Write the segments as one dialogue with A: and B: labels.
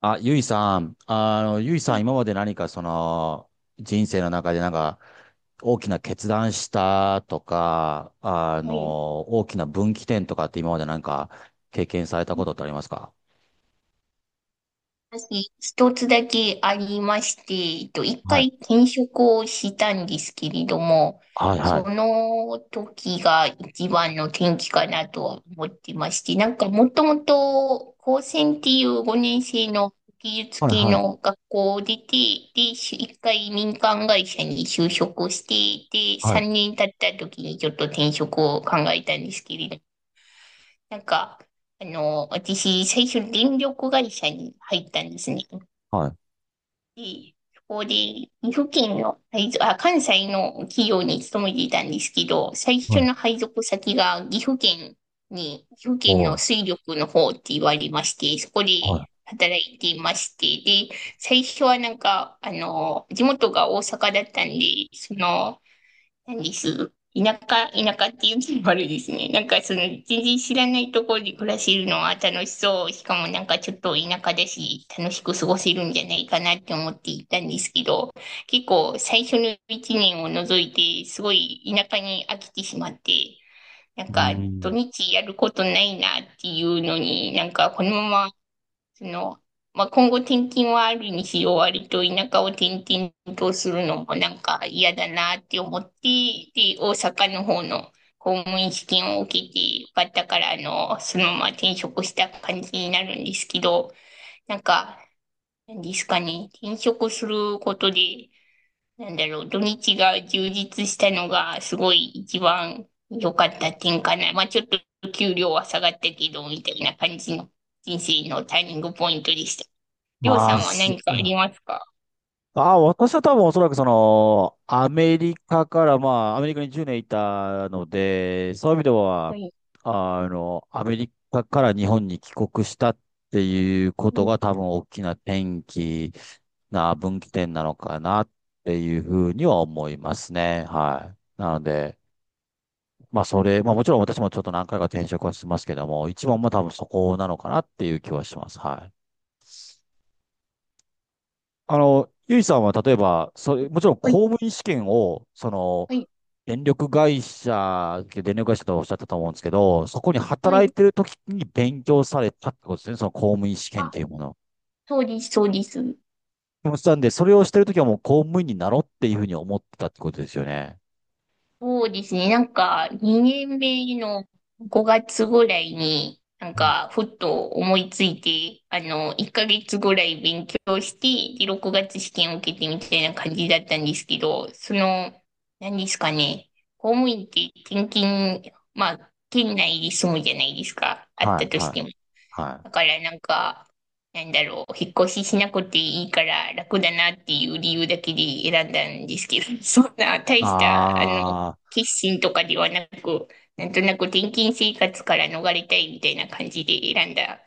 A: ゆいさん、
B: はい、
A: 今まで何か人生の中でなんか、大きな決断したとか、
B: はい、
A: 大きな分岐点とかって今までなんか、経験されたことってありますか？
B: 私、一つだけありまして、一
A: は
B: 回
A: い。
B: 転職をしたんですけれども、
A: はいは
B: そ
A: い。
B: の時が一番の転機かなとは思ってまして、なんかもともと高専っていう5年生の技術
A: はい
B: 系
A: は
B: の
A: い。
B: 学校を出て、で、一回民間会社に就職して、で、
A: はい。
B: 3年経った時にちょっと転職を考えたんですけれど、なんか、私、最初、電力会社に入ったんですね。
A: はい。
B: で、そこで、岐阜県の配属、あ、関西の企業に勤めていたんですけど、最
A: は
B: 初
A: い。
B: の配属先が岐阜
A: お
B: 県の
A: ー
B: 水力の方って言われまして、そこで
A: は
B: 働いていまして、で、最初はなんか、地元が大阪だったんで、その、何です。田舎っていうのもあれですね。なんかその全然知らないところで暮らせるのは楽しそう。しかもなんかちょっと田舎だし、楽しく過ごせるんじゃないかなって思っていたんですけど、結構最初の一年を除いて、すごい田舎に飽きてしまって、なん
A: い。う
B: か土
A: ーん。
B: 日やることないなっていうのに、なんかこのままその、まあ、今後転勤はあるにしろ、割と田舎を転々とするのもなんか嫌だなって思って、で、大阪の方の公務員試験を受けてよかったから、そのまま転職した感じになるんですけど、なんか、なんですかね、転職することで、なんだろう、土日が充実したのがすごい一番良かった点かな。まあ、ちょっと給料は下がったけど、みたいな感じの人生のターニングポイントでした。りょう
A: ま
B: さ
A: あ、
B: んは
A: す、
B: 何かありますか？
A: あ、私は多分おそらくアメリカから、まあ、アメリカに10年いたので、そういう意味では、
B: はい。
A: アメリカから日本に帰国したっていうこ
B: う
A: と
B: ん。
A: が多分大きな転機な分岐点なのかなっていうふうには思いますね。はい。なので、まあそれ、まあもちろん私もちょっと何回か転職はしてますけども、一番は多分そこなのかなっていう気はします。はい。ゆいさんは例えば、もちろん
B: はい、
A: 公務員試験を、
B: はい、
A: 電力会社とおっしゃったと思うんですけど、そこに
B: は
A: 働
B: い。
A: いてる時に勉強されたってことですね、その公務員試験っ
B: あ、
A: ていうもの。
B: そうです、そうです。
A: でもしたんで、それをしてる時はもう公務員になろうっていうふうに思ってたってことですよね。
B: そうですね。なんか、2年目の5月ぐらいに、なん
A: うん。
B: か、ふっと思いついて、1ヶ月ぐらい勉強して、で、6月試験を受けてみたいな感じだったんですけど、その、何ですかね。公務員って転勤、まあ、県内で住むじゃないですか。あっ
A: はい、
B: たと
A: は
B: し
A: い、
B: ても。
A: は
B: だ
A: い。
B: からなんか、なんだろう、引っ越ししなくていいから楽だなっていう理由だけで選んだんですけど、そんな大した、
A: あー、
B: 決心とかではなく、なんとなく転勤生活から逃れたいみたいな感じで選んだ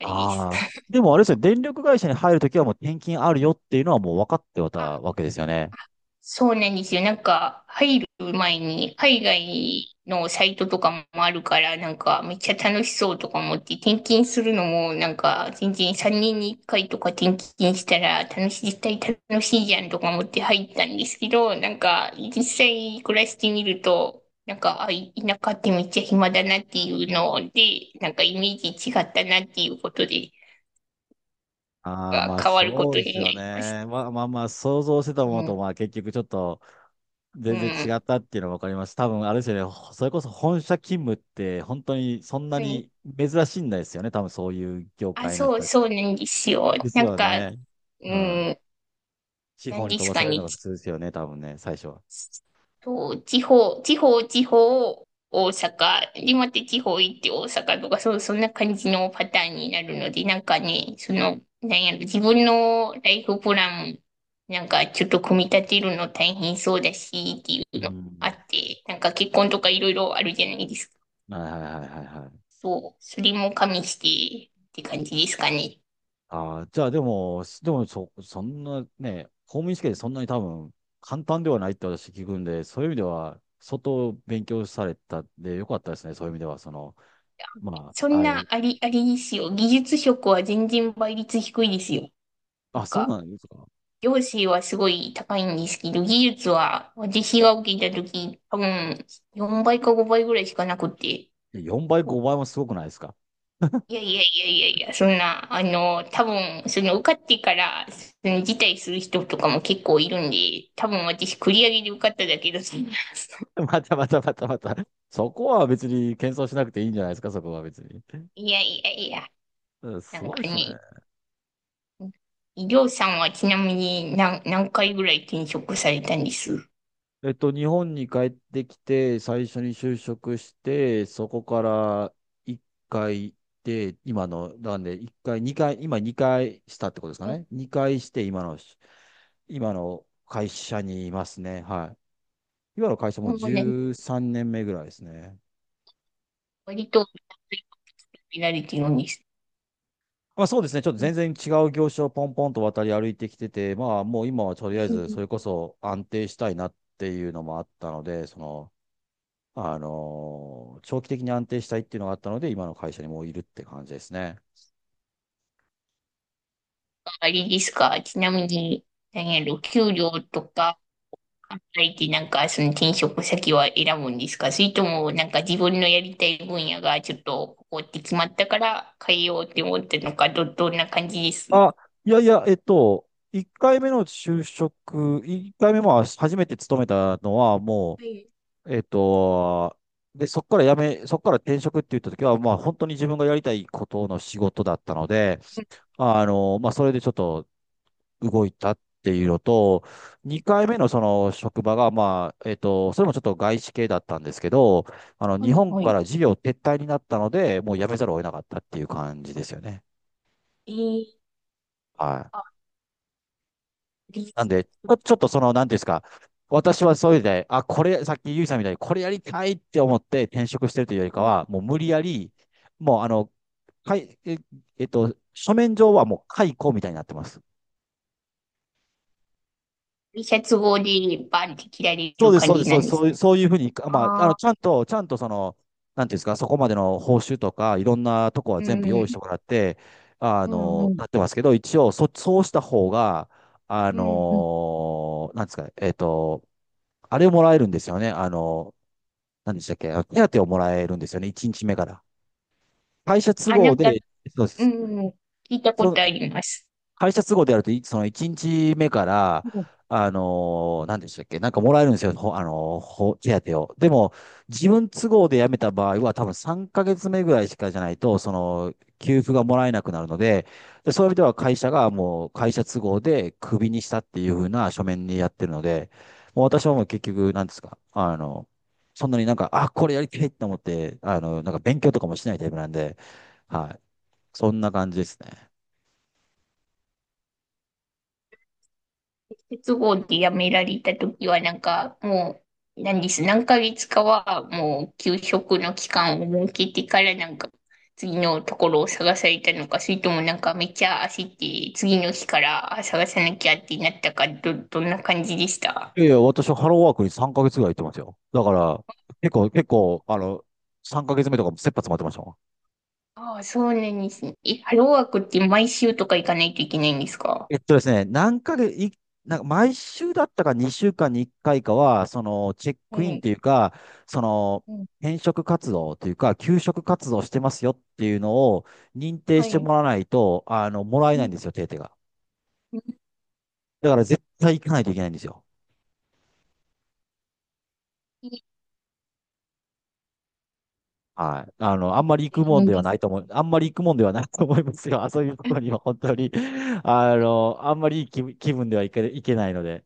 B: あれです。
A: あー。でもあれですよね、電力会社に入るときはもう転勤あるよっていうのはもう分かってたわけですよね。
B: そうなんですよ。なんか、入る前に、海外のサイトとかもあるから、なんか、めっちゃ楽しそうとか思って、転勤するのも、なんか、全然3年に1回とか転勤したら、楽しい、絶対楽しいじゃんとか思って入ったんですけど、なんか、実際暮らしてみると、なんか、田舎ってめっちゃ暇だなっていうので、なんかイメージ違ったなっていうことで、
A: ああ、
B: なん
A: まあ
B: か変わるこ
A: そう
B: と
A: で
B: に
A: す
B: な
A: よ
B: りました。
A: ね。まあまあまあ、想像してたも
B: う
A: のと、
B: ん。
A: まあ結局ちょっと
B: う
A: 全然違
B: ん。
A: ったっていうのが分かります。多分あれですよね、それこそ本社勤務って本当にそんな
B: はい。
A: に珍しいんですよね。多分そういう業
B: あ、
A: 界の人
B: そう、
A: たち。
B: そうなんですよ。
A: です
B: なん
A: よ
B: か、
A: ね。
B: う
A: うん。
B: ん、
A: 地
B: なん
A: 方に
B: で
A: 飛
B: す
A: ばさ
B: か
A: れるの
B: ね。
A: が普通ですよね、多分ね、最初は。
B: そう、地方、大阪。で、また地方行って大阪とか、そう、そんな感じのパターンになるので、なんかね、その、なんやろ、自分のライフプラン、なんかちょっと組み立てるの大変そうだし、ってい
A: う
B: うのあ
A: ん。
B: って、なんか結婚とかいろいろあるじゃないですか。
A: はいはいはいはいはい。
B: そう、それも加味して、って感じですかね。
A: ああ、じゃあでも、そんなね、公務員試験でそんなに多分簡単ではないって私聞くんで、そういう意味では、相当勉強されたんでよかったですね。そういう意味では、ま
B: そ
A: あ、
B: んなあり、ありですよ。技術職は全然倍率低いですよ。な
A: あ、
B: ん
A: そう
B: か、
A: なんですか。
B: 行政はすごい高いんですけど、技術は私が受けた時多分4倍か5倍ぐらいしかなくて。
A: よんばい4
B: そう、
A: 倍、5倍もすごくないですか？
B: いやいやいやいやいや、そんな、多分、その受かってから、その辞退する人とかも結構いるんで、多分私繰り上げで受かっただけど、そんな。
A: またまたまたまた。そこは別に謙遜しなくていいんじゃないですか、そこは別に。
B: いやいやいや、
A: うん、す
B: なん
A: ご
B: か
A: いですね。
B: ね、りょうさんはちなみに何、何回ぐらい転職されたんです
A: 日本に帰ってきて、最初に就職して、そこから1回で、今の、なんで、1回、2回、今2回したってことですか
B: ここ、
A: ね。2回して、今の会社にいますね。はい。今の会社も
B: もうね、
A: 13年目ぐらいですね。
B: 割とピラリティのにして、
A: まあそうですね。ちょっと
B: うん。
A: 全然違う業種をポンポンと渡り歩いてきてて、まあもう今はとりあえずそれこそ安定したいなっていうのもあったので、長期的に安定したいっていうのがあったので、今の会社にもういるって感じですね。
B: あれですか、ちなみに、何やろ、給料とか考えて、なんか、その転職先は選ぶんですか？それとも、なんか自分のやりたい分野がちょっと、ここって決まったから変えようって思ったのか、どんな感じです？は
A: あ、いやいや、1回目の就職、1回目も初めて勤めたのは、も
B: い、
A: う、で、そこから転職って言った時は、まあ本当に自分がやりたいことの仕事だったので、まあそれでちょっと動いたっていうのと、2回目のその職場が、まあ、それもちょっと外資系だったんですけど、
B: は
A: 日
B: い、
A: 本
B: は
A: か
B: い。
A: ら事業撤退になったので、もう辞めざるを得なかったっていう感じですよね。
B: えー、
A: は
B: あ、
A: い。
B: リ、
A: なんで、ちょっとなんていうんですか、私はそういうで、あ、これ、さっきゆいさんみたいに、これやりたいって思って転職してるというよりかは、もう無理やり、もうあの、かい、え、えっと、書面上はもう解雇みたいになってます。
B: リシャツ号でバンって切られ
A: そう
B: る
A: です、
B: 感
A: そうで
B: じ
A: す、そ
B: な
A: うで
B: ん
A: す、
B: で
A: そ
B: す？
A: ういう、そういうふうに、まあ、
B: ああ、
A: ちゃんとなんていうんですか、そこまでの報酬とか、いろんなとこは
B: う
A: 全部用
B: ん、
A: 意してもらって、
B: うん、うん、
A: なってますけど、一応、そうした方が、あ
B: うん。うん。
A: の、なんですか、えっと、あれをもらえるんですよね。何でしたっけ、あの手当をもらえるんですよね、1日目から。会社都
B: あ、な
A: 合
B: んか、
A: で、そうで
B: う
A: す。
B: ん、聞いたこ
A: そ、
B: とあります。
A: 会社都合でやると、その1日目から、
B: うん。
A: 何でしたっけ、なんかもらえるんですよ、ほあのー、ほ手当を。でも、自分都合で辞めた場合は、多分3ヶ月目ぐらいしかじゃないと、給付がもらえなくなるので、で、そういう意味では会社がもう会社都合でクビにしたっていうふうな書面にやってるので、もう私はもう結局、なんですか、そんなになんか、あ、これやりたいと思って、なんか勉強とかもしないタイプなんで、はい。そんな感じですね。
B: 鉄棒でやめられたときは、なんか、もう、何です、何ヶ月かは、もう、休職の期間を設けてから、なんか、次のところを探されたのか、それともなんか、めっちゃ焦って、次の日から探さなきゃってなったか、どんな感じでした？
A: いやいや、私はハローワークに3ヶ月ぐらい行ってますよ。だから、結構、3ヶ月目とかも切羽詰まってましたもん。
B: ああ、そうなんですね。え、ハローワークって毎週とか行かないといけないんですか？
A: えっとですね、何ヶ月、い、なんか毎週だったか2週間に1回かいかは、チェッ
B: は
A: クイン
B: い。
A: というか、その、
B: うん、
A: 転職活動というか、求職活動してますよっていうのを認定
B: は
A: しても
B: い。
A: らわないと、もらえ
B: う
A: ないん
B: ん、
A: ですよ、手当が。
B: うん。
A: だから絶対行かないといけないんですよ。
B: いい
A: はい。あんまり
B: い
A: 行くも
B: い
A: ん
B: ん
A: では
B: で
A: な
B: す。
A: いと思う、あんまり行くもんではないと思いますよ。あそういうと
B: うん。
A: こ
B: い
A: ろには本当に。あんまりいい気分ではいけないので。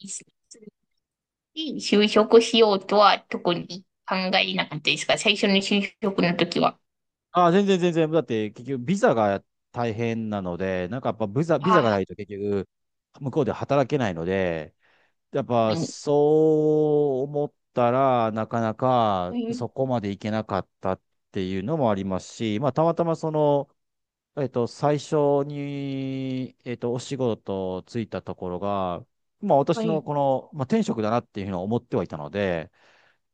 B: いですいい就職しようとは特に考えなかったですが、最初の就職の時は、
A: あ、全然全然。だって、結局、ビザが大変なので、なんかやっぱビザ
B: ああ、
A: がないと結局、向こうで働けないので、やっぱ
B: に、
A: そう思ったら、なかな
B: う
A: か
B: ん、
A: そこまで行けなかったっていうのもありますし、まあ、たまたま最初に、お仕事ついたところが、まあ
B: う
A: 私の
B: ん。
A: この、まあ、転職だなっていうのは思ってはいたので、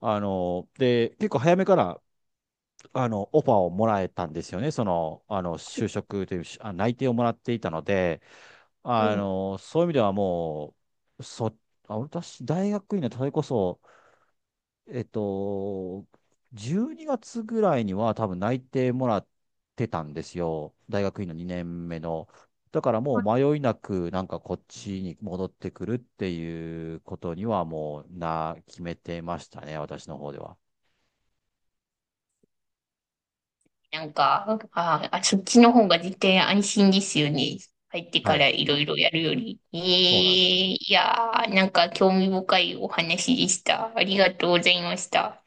A: で、結構早めから、オファーをもらえたんですよね。就職という、あ、内定をもらっていたので、そういう意味ではもう、私、大学院の、それこそ、えっと、12月ぐらいには多分内定もらってたんですよ。大学院の2年目の。だからもう迷いなくなんかこっちに戻ってくるっていうことにはもうな、決めてましたね、私の方では。
B: なんか、ああ、そっちの方が絶対安心ですよね。入ってか
A: はい。
B: らいろいろやるより。え
A: そうなんです。
B: え、いやー、なんか興味深いお話でした。ありがとうございました。